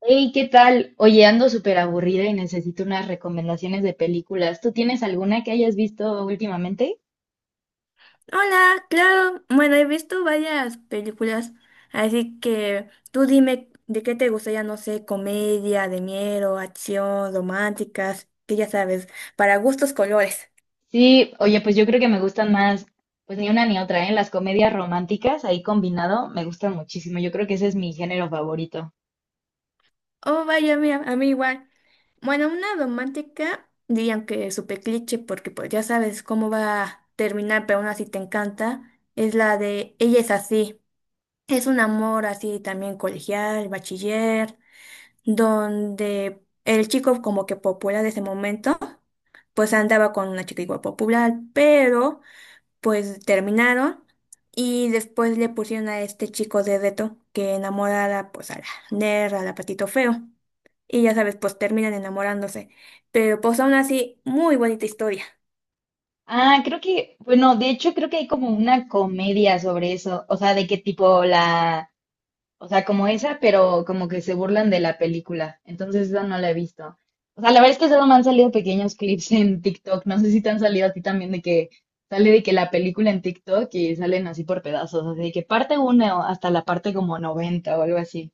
Hey, ¿qué tal? Oye, ando súper aburrida y necesito unas recomendaciones de películas. ¿Tú tienes alguna que hayas visto últimamente? Hola, claro. Bueno, he visto varias películas, así que tú dime de qué te gustaría, no sé, comedia, de miedo, acción, románticas, que ya sabes, para gustos colores. Sí, oye, pues yo creo que me gustan más, pues ni una ni otra, ¿eh? Las comedias románticas ahí combinado me gustan muchísimo. Yo creo que ese es mi género favorito. Oh, vaya, mira, a mí igual. Bueno, una romántica, dirían que es súper cliché porque pues ya sabes cómo va a terminar, pero aún así te encanta, es la de Ella es así. Es un amor así también colegial, bachiller, donde el chico como que popular de ese momento, pues andaba con una chica igual popular, pero pues terminaron y después le pusieron a este chico de reto que enamorara pues a la ner a la patito feo. Y ya sabes, pues terminan enamorándose. Pero pues aún así, muy bonita historia. Ah, creo que, bueno, de hecho creo que hay como una comedia sobre eso, o sea, de qué tipo la. O sea, como esa, pero como que se burlan de la película. Entonces, esa no la he visto. O sea, la verdad es que solo me han salido pequeños clips en TikTok. No sé si te han salido a ti también de que sale de que la película en TikTok y salen así por pedazos. Así de que parte uno hasta la parte como 90 o algo así.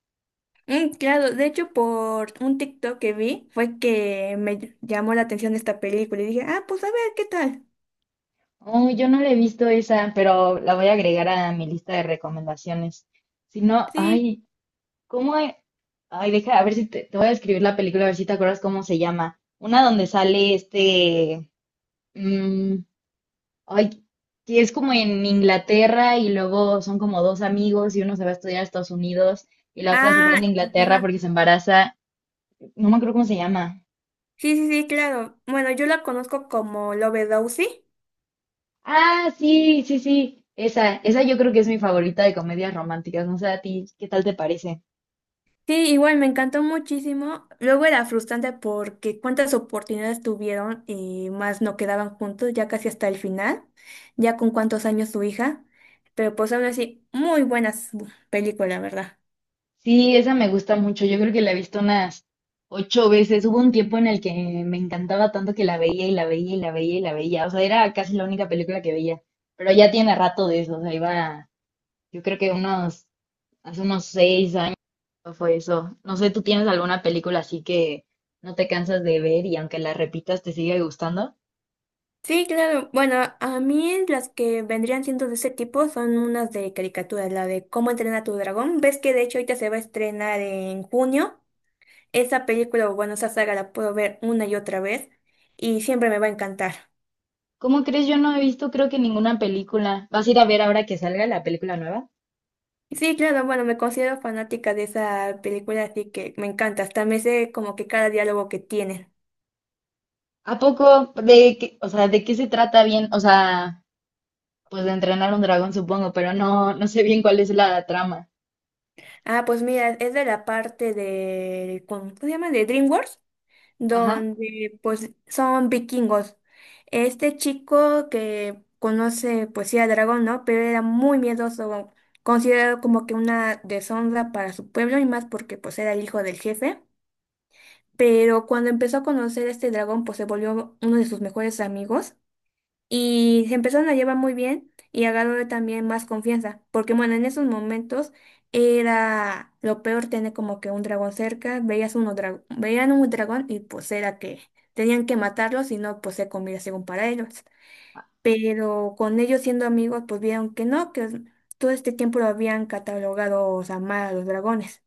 Mm, claro, de hecho por un TikTok que vi fue que me llamó la atención esta película y dije, ah, pues a ver, ¿qué tal? Oh, yo no la he visto esa, pero la voy a agregar a mi lista de recomendaciones. Si no, Sí. ay, ¿cómo hay? Ay, deja, a ver si te voy a escribir la película, a ver si te acuerdas cómo se llama. Una donde sale este. mm, Ay, que es como en Inglaterra y luego son como dos amigos y uno se va a estudiar a Estados Unidos y la otra se Ah, queda en Inglaterra ajá. porque se embaraza. No me acuerdo cómo se llama. Sí, sí, sí, claro. Bueno, yo la conozco como Lovedowsy. Ah, sí, sí, sí. Esa yo creo que es mi favorita de comedias románticas. No sé a ti, ¿qué tal te parece? Sí, igual me encantó muchísimo. Luego era frustrante porque cuántas oportunidades tuvieron y más no quedaban juntos, ya casi hasta el final, ya con cuántos años su hija. Pero pues aún así, muy buenas películas, ¿verdad? Sí, esa me gusta mucho. Yo creo que la he visto unas ocho veces. Hubo un tiempo en el que me encantaba tanto que la veía y la veía y la veía y la veía. O sea, era casi la única película que veía. Pero ya tiene rato de eso. O sea, iba, yo creo que unos, hace unos 6 años fue eso. No sé, ¿tú tienes alguna película así que no te cansas de ver y aunque la repitas te sigue gustando? Sí, claro. Bueno, a mí las que vendrían siendo de ese tipo son unas de caricaturas, la de Cómo entrenar a tu dragón. Ves que de hecho ahorita se va a estrenar en junio. Esa película, o bueno, esa saga la puedo ver una y otra vez y siempre me va a encantar. ¿Cómo crees? Yo no he visto creo que ninguna película. ¿Vas a ir a ver ahora que salga la película nueva? Sí, claro, bueno, me considero fanática de esa película, así que me encanta. Hasta me sé como que cada diálogo que tienen. ¿A poco? ¿De qué, o sea, de qué se trata bien? O sea, pues de entrenar un dragón supongo, pero no, no sé bien cuál es la trama. Ah, pues mira, es de la parte de, ¿cómo se llama? De DreamWorks, Ajá. donde pues son vikingos. Este chico que conoce, pues sí, a Dragón, ¿no? Pero era muy miedoso, considerado como que una deshonra para su pueblo y más porque pues era el hijo del jefe. Pero cuando empezó a conocer a este dragón, pues se volvió uno de sus mejores amigos y se empezaron a llevar muy bien y agarró también más confianza, porque bueno, en esos momentos era lo peor tener como que un dragón cerca, veías veían un dragón y pues era que tenían que matarlo, si no, pues se comía según para ellos. Pero con ellos siendo amigos, pues vieron que no, que todo este tiempo lo habían catalogado, o sea, mal a los dragones.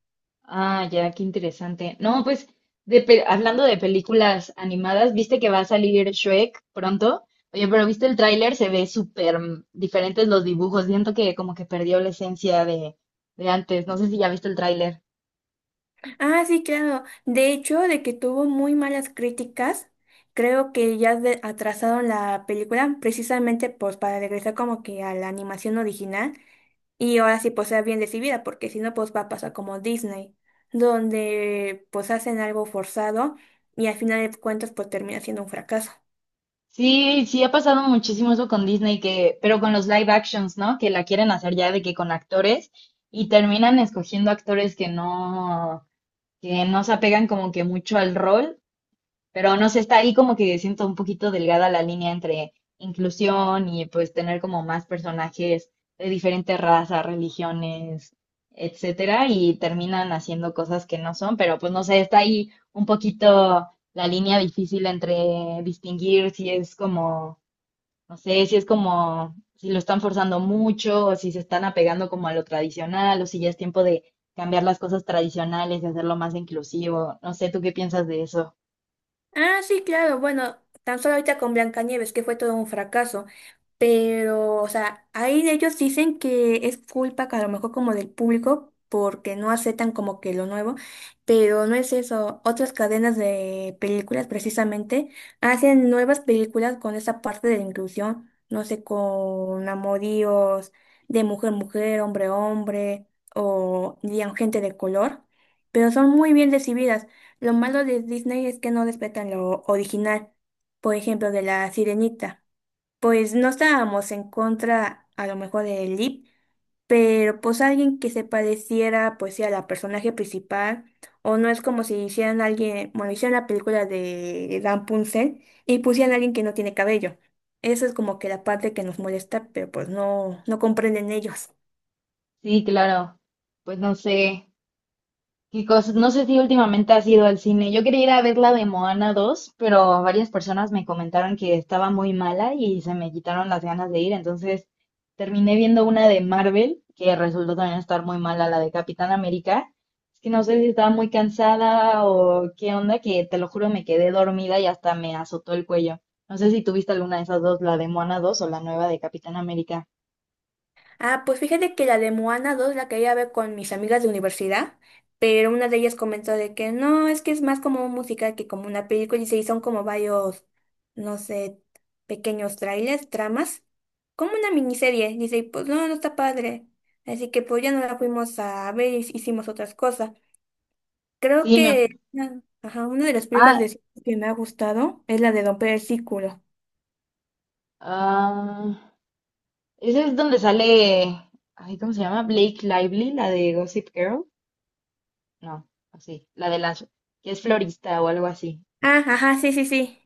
Ah, ya, qué interesante. No, pues hablando de películas animadas, ¿viste que va a salir Shrek pronto? Oye, pero ¿viste el tráiler? Se ve súper diferentes los dibujos. Siento que como que perdió la esencia de antes. No sé si ya viste el tráiler. Ah, sí, claro. De hecho, de que tuvo muy malas críticas, creo que ya atrasaron la película precisamente pues para regresar como que a la animación original y ahora sí pues sea bien recibida, porque si no pues va a pasar como Disney, donde pues hacen algo forzado y al final de cuentas pues termina siendo un fracaso. Sí, sí ha pasado muchísimo eso con Disney, que, pero con los live actions, ¿no? Que la quieren hacer ya de que con actores y terminan escogiendo actores que no se apegan como que mucho al rol. Pero no sé, está ahí como que siento un poquito delgada la línea entre inclusión y pues tener como más personajes de diferentes razas, religiones, etcétera, y terminan haciendo cosas que no son, pero pues no sé, está ahí un poquito la línea difícil entre distinguir si es como, no sé, si es como, si lo están forzando mucho, o si se están apegando como a lo tradicional, o si ya es tiempo de cambiar las cosas tradicionales y hacerlo más inclusivo. No sé, ¿tú qué piensas de eso? Ah, sí, claro. Bueno, tan solo ahorita con Blancanieves, que fue todo un fracaso. Pero, o sea, ahí ellos dicen que es culpa que a lo mejor como del público, porque no aceptan como que lo nuevo. Pero no es eso. Otras cadenas de películas, precisamente, hacen nuevas películas con esa parte de la inclusión. No sé, con amoríos de mujer-mujer, hombre-hombre, o digamos, gente de color. Pero son muy bien recibidas. Lo malo de Disney es que no respetan lo original, por ejemplo, de la Sirenita. Pues no estábamos en contra a lo mejor de Lip, pero pues alguien que se pareciera pues sí a la personaje principal, o no es como si hicieran alguien, bueno, hicieran la película de Rapunzel y pusieran a alguien que no tiene cabello. Eso es como que la parte que nos molesta, pero pues no, no comprenden ellos. Sí, claro. Pues no sé qué cosas. No sé si últimamente has ido al cine. Yo quería ir a ver la de Moana 2, pero varias personas me comentaron que estaba muy mala y se me quitaron las ganas de ir. Entonces terminé viendo una de Marvel, que resultó también estar muy mala, la de Capitán América. Es que no sé si estaba muy cansada o qué onda, que te lo juro me quedé dormida y hasta me azotó el cuello. No sé si tuviste alguna de esas dos, la de Moana 2 o la nueva de Capitán América. Ah, pues fíjate que la de Moana 2 la quería ver con mis amigas de universidad, pero una de ellas comentó de que no, es que es más como un musical que como una película y se son como varios, no sé, pequeños trailers, tramas, como una miniserie. Dice, y pues no, no está padre. Así que pues ya no la fuimos a ver y hicimos otras cosas. Creo Sí, que me. ah, ajá, una de las películas Ah, que me ha gustado es la de Don Círculo. ah, ese es donde sale, ay, ¿cómo se llama? Blake Lively, la de Gossip Girl. No, así, la de las que es florista o algo así. Ah, ajá, sí, sí, sí.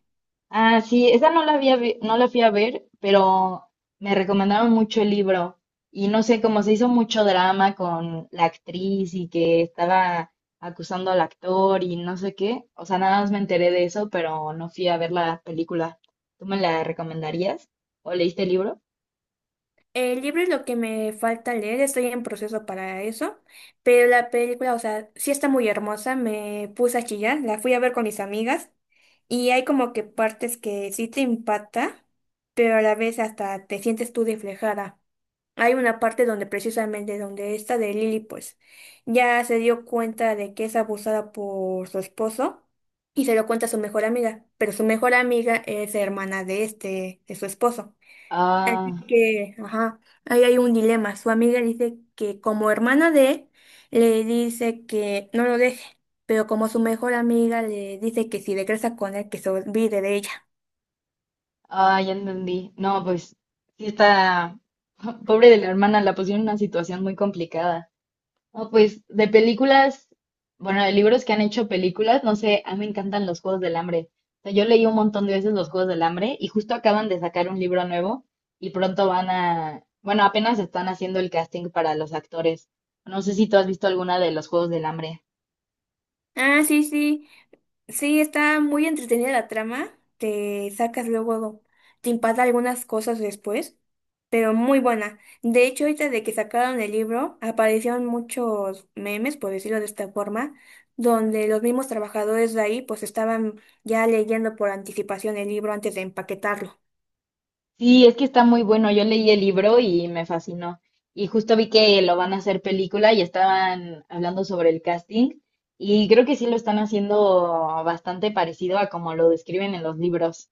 Ah, sí, esa no la fui a ver, pero me recomendaron mucho el libro y no sé, cómo se hizo mucho drama con la actriz y que estaba acusando al actor y no sé qué. O sea, nada más me enteré de eso, pero no fui a ver la película. ¿Tú me la recomendarías? ¿O leíste el libro? El libro es lo que me falta leer, estoy en proceso para eso, pero la película, o sea, sí está muy hermosa, me puse a chillar, la fui a ver con mis amigas y hay como que partes que sí te impacta, pero a la vez hasta te sientes tú reflejada. Hay una parte donde precisamente donde esta de Lily pues ya se dio cuenta de que es abusada por su esposo y se lo cuenta a su mejor amiga, pero su mejor amiga es hermana de de su esposo Ah. que, ajá, ahí hay un dilema. Su amiga dice que como hermana de él, le dice que no lo deje, pero como su mejor amiga le dice que si regresa con él, que se olvide de ella. Ah, ya entendí. No, pues sí está, pobre de la hermana, la pusieron en una situación muy complicada. No, pues de películas, bueno, de libros que han hecho películas, no sé, a mí me encantan los Juegos del Hambre. O sea, yo leí un montón de veces los Juegos del Hambre y justo acaban de sacar un libro nuevo y pronto van a, bueno, apenas están haciendo el casting para los actores. No sé si tú has visto alguna de los Juegos del Hambre. Ah, sí, sí. Sí, está muy entretenida la trama. Te sacas luego, te impacta algunas cosas después, pero muy buena. De hecho, ahorita de que sacaron el libro, aparecieron muchos memes, por decirlo de esta forma, donde los mismos trabajadores de ahí pues estaban ya leyendo por anticipación el libro antes de empaquetarlo. Sí, es que está muy bueno. Yo leí el libro y me fascinó. Y justo vi que lo van a hacer película y estaban hablando sobre el casting. Y creo que sí lo están haciendo bastante parecido a como lo describen en los libros,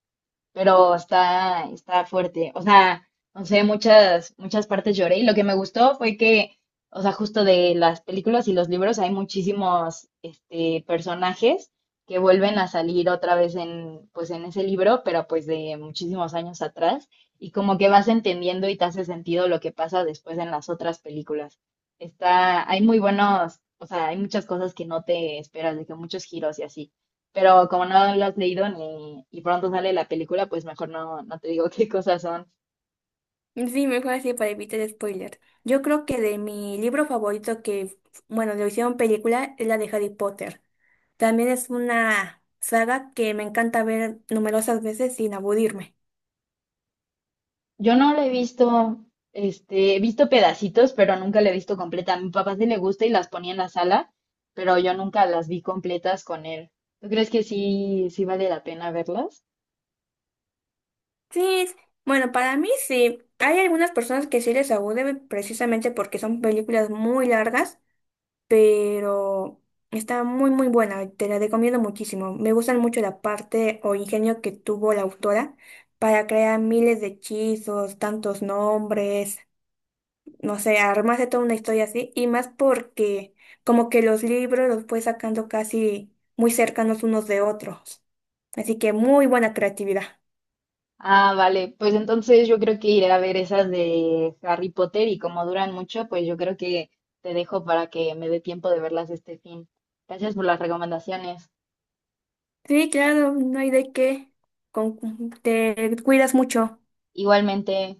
pero está, está fuerte. O sea, no sé, muchas, muchas partes lloré. Y lo que me gustó fue que, o sea, justo de las películas y los libros hay muchísimos este, personajes que vuelven a salir otra vez en, pues, en ese libro, pero pues de muchísimos años atrás. Y como que vas entendiendo y te hace sentido lo que pasa después en las otras películas. Está, hay muy buenos, o sea, hay muchas cosas que no te esperas, de que muchos giros y así. Pero como no lo has leído ni y pronto sale la película, pues mejor no, no te digo qué cosas son. Sí, mejor así para evitar spoiler. Yo creo que de mi libro favorito que, bueno, lo hicieron película es la de Harry Potter. También es una saga que me encanta ver numerosas veces sin aburrirme. Yo no la he visto, este, he visto pedacitos, pero nunca la he visto completa. A mi papá sí le gusta y las ponía en la sala, pero yo nunca las vi completas con él. ¿Tú crees que sí, sí vale la pena verlas? Sí, bueno, para mí sí. Hay algunas personas que sí les aburre precisamente porque son películas muy largas, pero está muy muy buena, te la recomiendo muchísimo. Me gustan mucho la parte o ingenio que tuvo la autora para crear miles de hechizos, tantos nombres, no sé, armarse toda una historia así, y más porque como que los libros los fue sacando casi muy cercanos unos de otros. Así que muy buena creatividad. Ah, vale, pues entonces yo creo que iré a ver esas de Harry Potter y como duran mucho, pues yo creo que te dejo para que me dé tiempo de verlas este fin. Gracias por las recomendaciones. Sí, claro, no hay de qué. Te cuidas mucho. Igualmente.